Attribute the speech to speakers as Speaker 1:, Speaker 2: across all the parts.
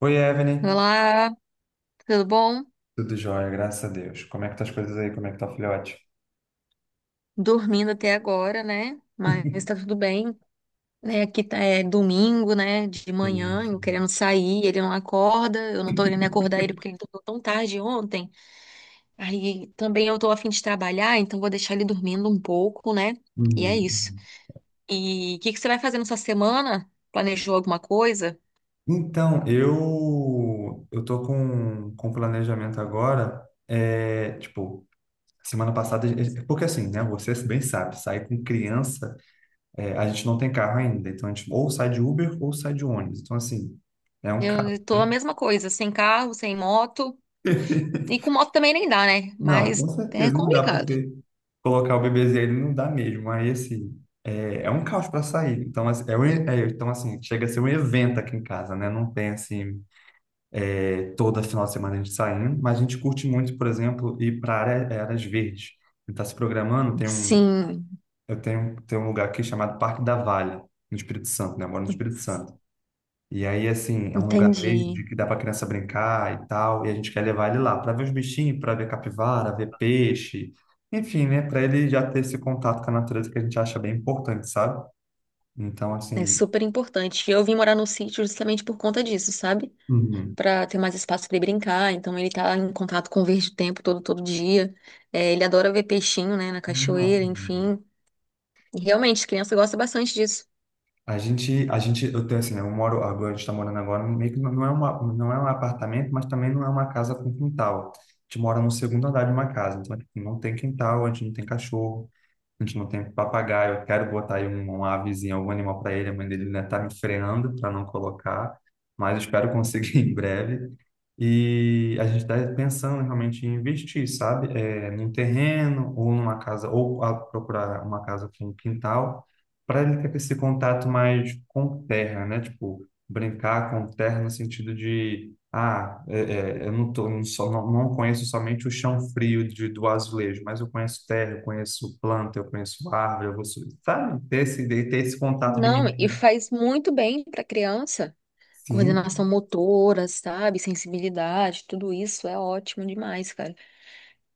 Speaker 1: Oi, Evelyn.
Speaker 2: Olá, tudo bom?
Speaker 1: Tudo jóia, graças a Deus. Como é que tá as coisas aí? Como é que tá o filhote?
Speaker 2: Dormindo até agora, né? Mas tá tudo bem, né? Aqui tá, é domingo, né? De
Speaker 1: Sim,
Speaker 2: manhã, eu
Speaker 1: sim.
Speaker 2: querendo sair, ele não acorda, eu não tô querendo
Speaker 1: Uhum,
Speaker 2: acordar ele porque ele dormiu tão tarde ontem. Aí também eu tô a fim de trabalhar, então vou deixar ele dormindo um pouco, né? E é
Speaker 1: uhum.
Speaker 2: isso. E o que que você vai fazer nessa semana? Planejou alguma coisa?
Speaker 1: Então, eu tô com um planejamento agora, é, tipo, semana passada, porque assim, né, você bem sabe, sair com criança, é, a gente não tem carro ainda, então a gente ou sai de Uber ou sai de ônibus, então assim, é um carro,
Speaker 2: Eu tô a
Speaker 1: né?
Speaker 2: mesma coisa, sem carro, sem moto. E com moto também nem dá, né?
Speaker 1: Não, com
Speaker 2: Mas é
Speaker 1: certeza, não dá
Speaker 2: complicado.
Speaker 1: porque colocar o bebezinho ele não dá mesmo. Aí, assim, é um caos para sair. Então, assim, então, assim, chega a ser um evento aqui em casa, né? Não tem, assim, é, toda final de semana a gente saindo, mas a gente curte muito, por exemplo, ir para área, é, áreas verdes. A gente tá se programando,
Speaker 2: Sim,
Speaker 1: tem um lugar aqui chamado Parque da Valha, no Espírito Santo, né? Eu moro no Espírito Santo. E aí, assim, é um lugar
Speaker 2: entendi.
Speaker 1: verde que dá para criança brincar e tal, e a gente quer levar ele lá para ver os bichinhos, para ver capivara, ver peixe, enfim, né, para ele já ter esse contato com a natureza que a gente acha bem importante, sabe? Então,
Speaker 2: É
Speaker 1: assim,
Speaker 2: super importante. Eu vim morar no sítio justamente por conta disso, sabe?
Speaker 1: uhum.
Speaker 2: Pra ter mais espaço pra ele brincar. Então ele tá em contato com o verde o tempo todo, todo dia. É, ele adora ver peixinho, né, na
Speaker 1: Não.
Speaker 2: cachoeira, enfim. E realmente, criança gosta bastante disso.
Speaker 1: Eu tenho assim, né, eu moro agora, a gente está morando agora, meio que não é uma, não é um apartamento, mas também não é uma casa com quintal. A gente mora no segundo andar de uma casa, então tipo, não tem quintal, a gente não tem cachorro. A gente não tem papagaio. Eu quero botar aí um, uma avezinha, algum animal para ele. A mãe dele ainda tá me freando para não colocar, mas eu espero conseguir em breve. E a gente está pensando realmente em investir, sabe? É, num terreno ou numa casa, ou procurar uma casa com um quintal, para ele ter esse contato mais com terra, né? Tipo, brincar com terra no sentido de. Ah, é, eu não, tô, não, só, não, não conheço somente o chão frio do azulejo, mas eu conheço terra, eu conheço planta, eu conheço árvore, sabe? Ter esse contato de
Speaker 2: Não, e
Speaker 1: mim.
Speaker 2: faz muito bem pra criança.
Speaker 1: Sim,
Speaker 2: Coordenação motora, sabe? Sensibilidade, tudo isso é ótimo demais, cara.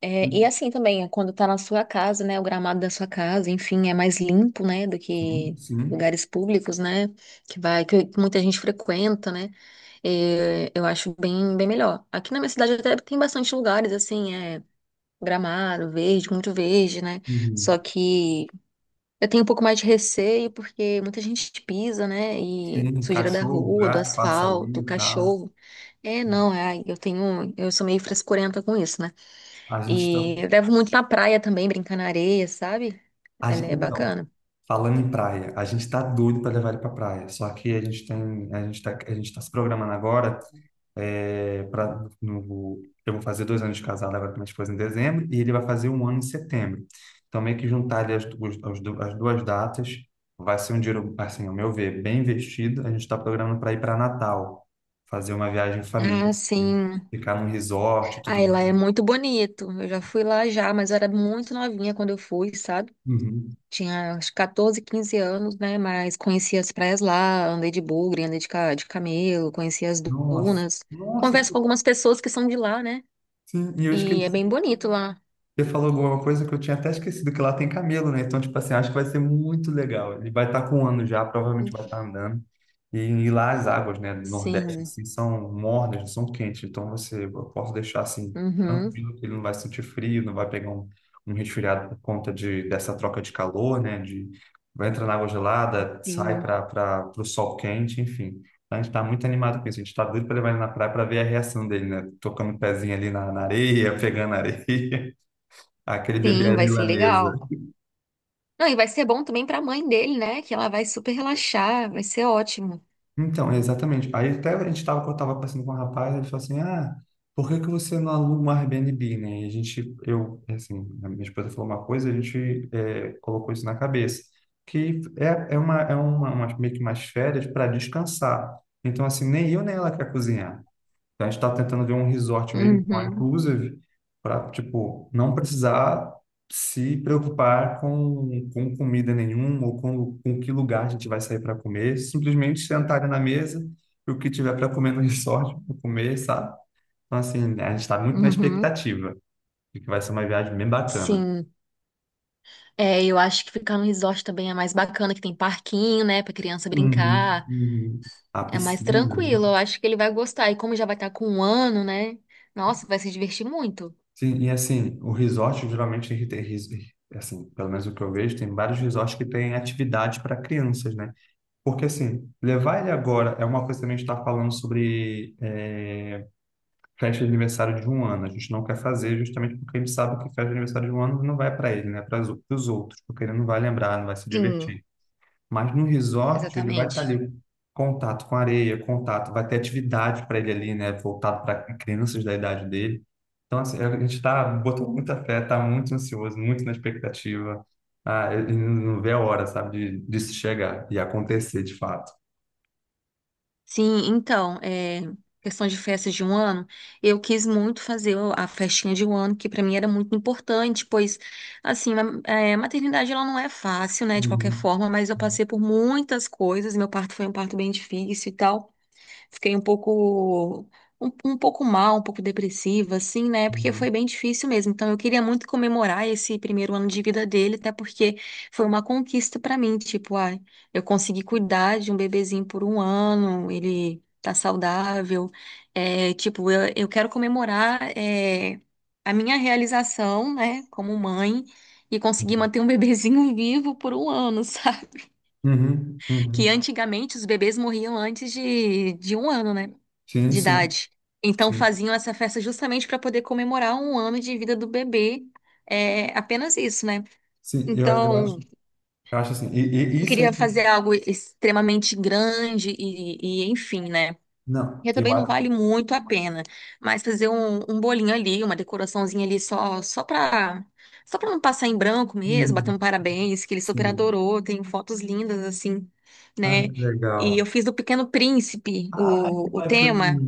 Speaker 2: É, e assim também, é quando tá na sua casa, né? O gramado da sua casa, enfim, é mais limpo, né? Do
Speaker 1: sim,
Speaker 2: que
Speaker 1: sim.
Speaker 2: lugares públicos, né? Que vai, que muita gente frequenta, né? É, eu acho bem, bem melhor. Aqui na minha cidade até tem bastante lugares, assim, é gramado, verde, muito verde, né?
Speaker 1: Uhum.
Speaker 2: Só que eu tenho um pouco mais de receio porque muita gente pisa, né? E
Speaker 1: Sim,
Speaker 2: sujeira da
Speaker 1: cachorro,
Speaker 2: rua, do
Speaker 1: gato,
Speaker 2: asfalto,
Speaker 1: passarinho e tal.
Speaker 2: cachorro. É, não, é, eu tenho, eu sou meio frescurenta com isso, né?
Speaker 1: A gente tá,
Speaker 2: E eu levo muito na praia também, brincar na areia, sabe?
Speaker 1: a
Speaker 2: Ela
Speaker 1: gente,
Speaker 2: é
Speaker 1: então,
Speaker 2: bacana.
Speaker 1: Falando em praia, a gente tá doido para levar ele para praia. Só que a gente tá se programando agora é, pra, no, eu vou fazer 2 anos de casado agora com minha esposa em dezembro e ele vai fazer um ano em setembro. Então meio que juntar ali as duas datas vai ser um dinheiro, assim, ao meu ver, bem investido. A gente está programando para ir para Natal, fazer uma viagem em família,
Speaker 2: Ah,
Speaker 1: assim,
Speaker 2: sim.
Speaker 1: ficar num resort e
Speaker 2: Ah,
Speaker 1: tudo
Speaker 2: e lá
Speaker 1: mais.
Speaker 2: é muito bonito. Eu já fui lá já, mas eu era muito novinha quando eu fui, sabe?
Speaker 1: Uhum.
Speaker 2: Tinha acho, 14, 15 anos, né? Mas conheci as praias lá, andei de bugre, andei de camelo, conheci as
Speaker 1: Nossa,
Speaker 2: dunas.
Speaker 1: nossa,
Speaker 2: Converso com algumas pessoas que são de lá, né?
Speaker 1: sim, e eu
Speaker 2: E é bem
Speaker 1: esqueci.
Speaker 2: bonito lá.
Speaker 1: Você falou alguma coisa que eu tinha até esquecido, que lá tem camelo, né? Então, tipo assim, acho que vai ser muito legal. Ele vai estar com um ano já, provavelmente vai estar andando. E lá as águas, né, do Nordeste,
Speaker 2: Sim.
Speaker 1: assim, são mornas, são quentes. Então, você, eu posso deixar, assim,
Speaker 2: Uhum.
Speaker 1: tranquilo, que ele não vai sentir frio, não vai pegar um resfriado por conta dessa troca de calor, né? De, vai entrar na água gelada, sai
Speaker 2: Sim.
Speaker 1: para o sol quente, enfim. A gente está muito animado com isso. A gente está doido para levar ele na praia para ver a reação dele, né? Tocando o pezinho ali na areia, pegando areia. Aquele bebê
Speaker 2: Sim,
Speaker 1: à
Speaker 2: vai ser
Speaker 1: milanesa.
Speaker 2: legal. Não, e vai ser bom também pra mãe dele, né? Que ela vai super relaxar, vai ser ótimo.
Speaker 1: Então, exatamente. Aí até eu tava conversando com um rapaz, ele falou assim, ah, por que que você não aluga um Airbnb, né? E a gente, eu, assim, a minha esposa falou uma coisa, a gente é, colocou isso na cabeça, que meio que umas férias para descansar. Então, assim, nem eu nem ela quer cozinhar. Então, a gente está tentando ver um resort mesmo, all
Speaker 2: Uhum,
Speaker 1: inclusive, para, tipo, não precisar se preocupar com comida nenhuma ou com que lugar a gente vai sair para comer. Simplesmente sentar na mesa e o que tiver para comer no resort, pra comer, sabe? Então, assim, né, a gente está muito na
Speaker 2: uhum,
Speaker 1: expectativa de que vai ser uma viagem bem bacana.
Speaker 2: sim. É, eu acho que ficar no resort também é mais bacana, que tem parquinho, né, pra criança
Speaker 1: Uhum,
Speaker 2: brincar.
Speaker 1: uhum. A
Speaker 2: É mais
Speaker 1: piscina, né?
Speaker 2: tranquilo, eu acho que ele vai gostar. E como já vai estar com um ano, né? Nossa, vai se divertir muito.
Speaker 1: Sim, e assim, o resort geralmente ele tem, assim, pelo menos o que eu vejo, tem vários resorts que têm atividade para crianças, né? Porque, assim, levar ele agora é uma coisa também que a gente está falando sobre festa de aniversário de um ano. A gente não quer fazer justamente porque a gente sabe que festa de aniversário de um ano não vai para ele, né? Para os outros, porque ele não vai lembrar, não vai se
Speaker 2: Sim,
Speaker 1: divertir. Mas no resort, ele vai estar
Speaker 2: exatamente.
Speaker 1: ali, contato com areia, contato, vai ter atividade para ele ali, né? Voltado para crianças da idade dele. Então, assim, a gente está botando muita fé, está muito ansioso, muito na expectativa. Ah, ele não vê a hora, sabe, de se chegar e acontecer de fato.
Speaker 2: Sim, então, é, questão de festas de um ano, eu quis muito fazer a festinha de um ano, que para mim era muito importante, pois, assim, maternidade ela não é fácil, né, de qualquer
Speaker 1: Uhum.
Speaker 2: forma, mas eu passei por muitas coisas, meu parto foi um parto bem difícil e tal. Fiquei um pouco, um pouco mal, um pouco depressiva, assim, né? Porque
Speaker 1: Uhum.
Speaker 2: foi bem difícil mesmo. Então, eu queria muito comemorar esse primeiro ano de vida dele, até porque foi uma conquista pra mim. Tipo, ai, eu consegui cuidar de um bebezinho por um ano, ele tá saudável. É, tipo, eu quero comemorar, a minha realização, né, como mãe. E conseguir manter um bebezinho vivo por um ano, sabe?
Speaker 1: Uhum.
Speaker 2: Que
Speaker 1: Uhum.
Speaker 2: antigamente os bebês morriam antes de um ano, né?
Speaker 1: Sim,
Speaker 2: De
Speaker 1: sim,
Speaker 2: idade. Então
Speaker 1: sim.
Speaker 2: faziam essa festa justamente para poder comemorar um ano de vida do bebê. É apenas isso, né?
Speaker 1: Sim,
Speaker 2: Então,
Speaker 1: eu acho assim. E
Speaker 2: eu
Speaker 1: isso é
Speaker 2: queria
Speaker 1: que.
Speaker 2: fazer algo extremamente grande e enfim, né?
Speaker 1: Não,
Speaker 2: E
Speaker 1: eu
Speaker 2: também não vale
Speaker 1: acho.
Speaker 2: muito a pena, mas fazer um, um bolinho ali, uma decoraçãozinha ali só só para só para não passar em branco mesmo, bater
Speaker 1: Hum,
Speaker 2: um parabéns, que ele super
Speaker 1: sim.
Speaker 2: adorou, tem fotos lindas assim,
Speaker 1: Ah,
Speaker 2: né?
Speaker 1: que
Speaker 2: E
Speaker 1: legal.
Speaker 2: eu fiz do Pequeno Príncipe
Speaker 1: Ah, que
Speaker 2: o
Speaker 1: bacana.
Speaker 2: tema,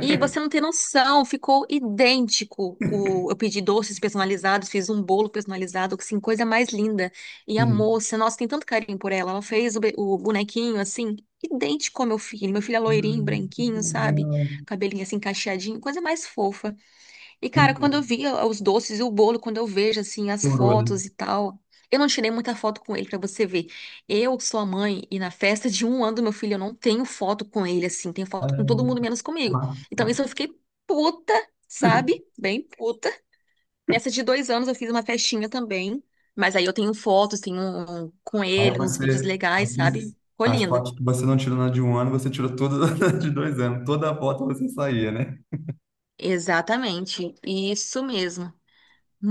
Speaker 2: e você não tem noção, ficou idêntico. O, eu pedi doces personalizados, fiz um bolo personalizado, assim, coisa mais linda. E a
Speaker 1: Sim.
Speaker 2: moça, nossa, tem tanto carinho por ela. Ela fez o bonequinho, assim, idêntico ao meu filho. Meu filho é
Speaker 1: Ah,
Speaker 2: loirinho,
Speaker 1: que
Speaker 2: branquinho, sabe?
Speaker 1: legal.
Speaker 2: Cabelinho assim, cacheadinho, coisa mais fofa. E, cara, quando eu
Speaker 1: Então,
Speaker 2: vi os doces e o bolo, quando eu vejo, assim, as
Speaker 1: chorou, né?
Speaker 2: fotos e tal, eu não tirei muita foto com ele pra você ver. Eu sou a mãe e na festa de um ano do meu filho eu não tenho foto com ele, assim, tenho
Speaker 1: Ah.
Speaker 2: foto com todo mundo menos comigo.
Speaker 1: Vai.
Speaker 2: Então, isso eu fiquei puta, sabe? Bem puta. Nessa de dois anos eu fiz uma festinha também, mas aí eu tenho fotos, tenho com
Speaker 1: Aí
Speaker 2: ele, uns vídeos
Speaker 1: você,
Speaker 2: legais, sabe? Ficou
Speaker 1: as
Speaker 2: lindo.
Speaker 1: fotos que você não tirou na de um ano, você tirou todas na de 2 anos. Toda foto você saía, né?
Speaker 2: Exatamente, isso mesmo.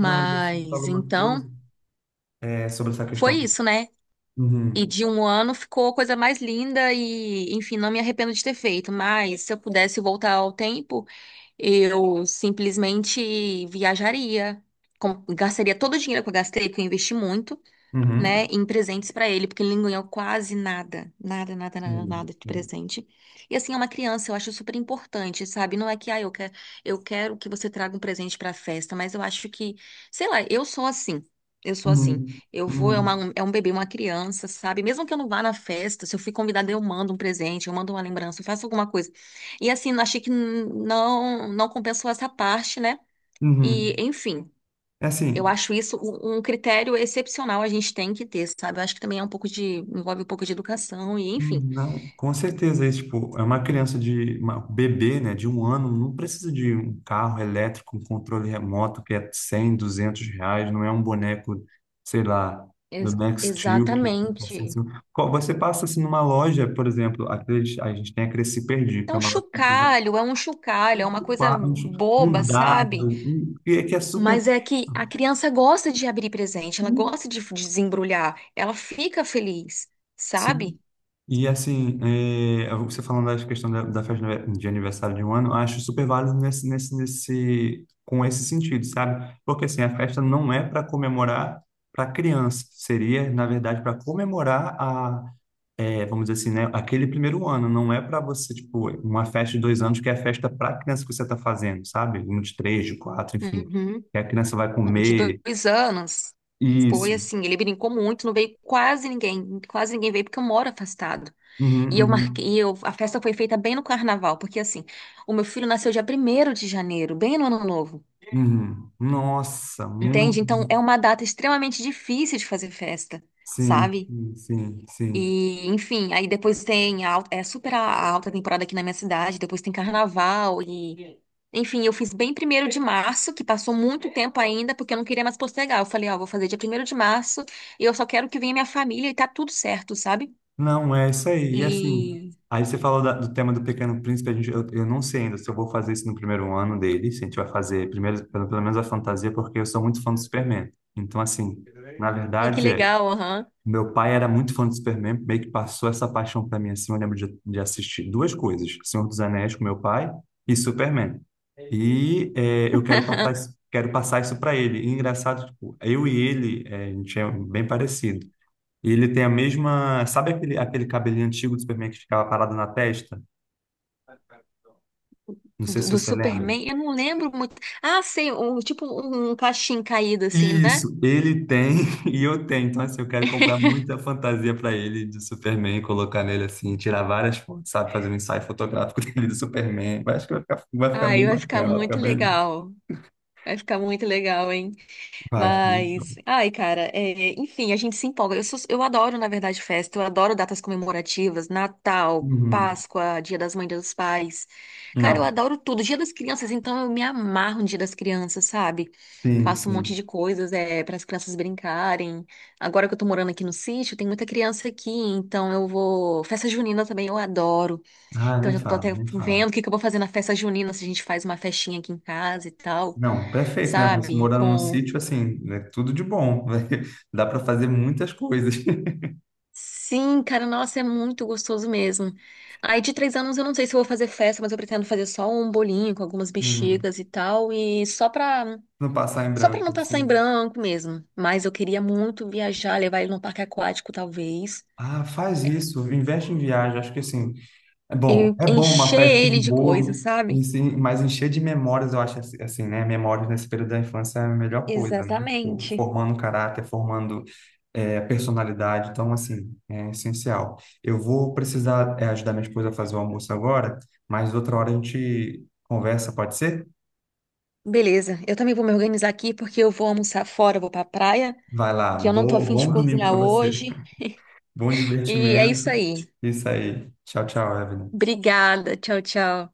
Speaker 1: Não, e você falou uma
Speaker 2: então,
Speaker 1: coisa é, sobre essa
Speaker 2: foi
Speaker 1: questão.
Speaker 2: isso, né? E
Speaker 1: Uhum,
Speaker 2: de um ano ficou a coisa mais linda e, enfim, não me arrependo de ter feito. Mas se eu pudesse voltar ao tempo, eu simplesmente viajaria, gastaria todo o dinheiro que eu gastei, porque eu investi muito,
Speaker 1: uhum,
Speaker 2: né, em presentes pra ele, porque ele não ganhou quase nada, nada, nada, nada,
Speaker 1: sim,
Speaker 2: nada de
Speaker 1: sim.
Speaker 2: presente. E assim, é uma criança, eu acho super importante, sabe? Não é que, ah, eu quero que você traga um presente pra festa, mas eu acho que, sei lá, eu sou assim. Eu sou assim.
Speaker 1: Uhum,
Speaker 2: Eu vou, é,
Speaker 1: uhum,
Speaker 2: uma, é um bebê, uma criança, sabe? Mesmo que eu não vá na festa, se eu fui convidada, eu mando um presente, eu mando uma lembrança, eu faço alguma coisa. E assim, achei que não, não compensou essa parte, né? E,
Speaker 1: uhum.
Speaker 2: enfim.
Speaker 1: É
Speaker 2: Eu
Speaker 1: assim,
Speaker 2: acho isso um critério excepcional a gente tem que ter, sabe? Eu acho que também é um pouco de, envolve um pouco de educação e enfim.
Speaker 1: não, com certeza, esse, tipo, é uma criança de uma bebê, né, de um ano, não precisa de um carro elétrico, um controle remoto que é 100, R$ 200, não é um boneco, sei lá, do
Speaker 2: Ex-
Speaker 1: Max Steel que passa em
Speaker 2: Exatamente.
Speaker 1: cima. Você passa assim numa loja, por exemplo, aqueles, a gente tem a Cresci Perdi, que é
Speaker 2: Então,
Speaker 1: uma loja que joga
Speaker 2: chocalho é um chocalho,
Speaker 1: um,
Speaker 2: é uma coisa
Speaker 1: um
Speaker 2: boba,
Speaker 1: um
Speaker 2: sabe?
Speaker 1: dado, que é super
Speaker 2: Mas é que a criança gosta de abrir presente, ela gosta de desembrulhar, ela fica feliz,
Speaker 1: sim,
Speaker 2: sabe?
Speaker 1: e assim, é, você falando da questão da festa de aniversário de um ano, eu acho super válido nesse, com esse sentido, sabe? Porque assim, a festa não é para comemorar para criança, seria, na verdade, para comemorar a, é, vamos dizer assim, né, aquele primeiro ano, não é para você, tipo, uma festa de 2 anos que é a festa para criança que você está fazendo, sabe? Um de três, de quatro, enfim.
Speaker 2: Uhum.
Speaker 1: Que a criança vai
Speaker 2: Não, De
Speaker 1: comer.
Speaker 2: dois anos. Foi
Speaker 1: Isso.
Speaker 2: assim, ele brincou muito, não veio quase ninguém veio porque eu moro afastado.
Speaker 1: Uhum,
Speaker 2: E eu marquei,
Speaker 1: uhum,
Speaker 2: e eu, a festa foi feita bem no carnaval, porque assim, o meu filho nasceu dia primeiro de janeiro, bem no ano novo,
Speaker 1: uhum. Nossa,
Speaker 2: entende?
Speaker 1: muito.
Speaker 2: Então é uma data extremamente difícil de fazer festa,
Speaker 1: Sim,
Speaker 2: sabe?
Speaker 1: sim, sim. Sim.
Speaker 2: E, enfim, aí depois tem é super a, alta temporada aqui na minha cidade, depois tem carnaval e enfim, eu fiz bem primeiro de março, que passou muito tempo ainda, porque eu não queria mais postergar. Eu falei, ó, vou fazer dia primeiro de março, e eu só quero que venha minha família e tá tudo certo, sabe?
Speaker 1: Não, é isso aí. E assim,
Speaker 2: E
Speaker 1: aí você falou do tema do Pequeno Príncipe, a gente, eu não sei ainda se eu vou fazer isso no primeiro ano dele, se a gente vai fazer primeiro, pelo menos a fantasia, porque eu sou muito fã do Superman. Então, assim, na
Speaker 2: ai, que
Speaker 1: verdade, é,
Speaker 2: legal, aham.
Speaker 1: meu pai era muito fã do Superman, meio que passou essa paixão para mim, assim, eu lembro de assistir duas coisas, Senhor dos Anéis com meu pai e Superman. E é, eu quero passar isso para ele. E engraçado, tipo, eu e ele, é, a gente é bem parecido. E ele tem a mesma. Sabe aquele cabelinho antigo do Superman que ficava parado na testa? Não sei
Speaker 2: do,
Speaker 1: se
Speaker 2: do
Speaker 1: você lembra.
Speaker 2: Superman, eu não lembro muito. Ah, sei, um, tipo um cachim caído assim, né?
Speaker 1: Isso, ele tem e eu tenho. Então, assim, eu quero comprar muita fantasia para ele de Superman, colocar nele assim, tirar várias fotos, sabe? Fazer um ensaio fotográfico dele do Superman. Eu acho que vai ficar
Speaker 2: Ai,
Speaker 1: bem
Speaker 2: vai ficar
Speaker 1: bacana, vai ficar
Speaker 2: muito
Speaker 1: bem.
Speaker 2: legal. Vai ficar muito legal, hein?
Speaker 1: Vai ficar muito show.
Speaker 2: Mas, ai, cara, é, enfim, a gente se empolga. Eu, eu adoro, na verdade, festa, eu adoro datas comemorativas, Natal,
Speaker 1: Uhum.
Speaker 2: Páscoa, Dia das Mães, Dia dos Pais. Cara, eu
Speaker 1: Não,
Speaker 2: adoro tudo. Dia das Crianças, então eu me amarro no Dia das Crianças, sabe?
Speaker 1: sim,
Speaker 2: Faço um monte
Speaker 1: sim.
Speaker 2: de coisas, é, para as crianças brincarem. Agora que eu tô morando aqui no sítio, tem muita criança aqui, então eu vou. Festa junina também eu adoro.
Speaker 1: Ah,
Speaker 2: Então
Speaker 1: nem
Speaker 2: já tô
Speaker 1: fala,
Speaker 2: até
Speaker 1: nem fala.
Speaker 2: vendo o que que eu vou fazer na festa junina, se a gente faz uma festinha aqui em casa e tal,
Speaker 1: Não, perfeito, né? Você
Speaker 2: sabe?
Speaker 1: morando num
Speaker 2: Com.
Speaker 1: sítio, assim, é tudo de bom. Dá para fazer muitas coisas.
Speaker 2: Sim, cara, nossa, é muito gostoso mesmo. Aí de três anos eu não sei se eu vou fazer festa, mas eu pretendo fazer só um bolinho com algumas
Speaker 1: Uhum.
Speaker 2: bexigas e tal, e
Speaker 1: Não passar em
Speaker 2: só pra não
Speaker 1: branco,
Speaker 2: passar em
Speaker 1: sim.
Speaker 2: branco mesmo. Mas eu queria muito viajar, levar ele num parque aquático, talvez.
Speaker 1: Ah, faz isso, investe em viagem. Acho que assim, é bom. É bom uma
Speaker 2: Encher
Speaker 1: festa de
Speaker 2: ele de coisas,
Speaker 1: bolo, e
Speaker 2: sabe?
Speaker 1: sim, mas encher de memórias, eu acho assim, assim, né? Memórias nesse período da infância é a melhor coisa, né? Tipo,
Speaker 2: Exatamente.
Speaker 1: formando caráter, formando é, personalidade. Então, assim, é essencial. Eu vou precisar é, ajudar minha esposa a fazer o almoço agora, mas outra hora a gente conversa, pode ser?
Speaker 2: Beleza, eu também vou me organizar aqui porque eu vou almoçar fora, eu vou pra praia,
Speaker 1: Vai lá,
Speaker 2: que eu não tô afim de
Speaker 1: bom domingo
Speaker 2: cozinhar
Speaker 1: para você.
Speaker 2: hoje.
Speaker 1: Bom
Speaker 2: E é
Speaker 1: divertimento.
Speaker 2: isso aí.
Speaker 1: Isso aí. Tchau, tchau, Evelyn.
Speaker 2: Obrigada, tchau, tchau.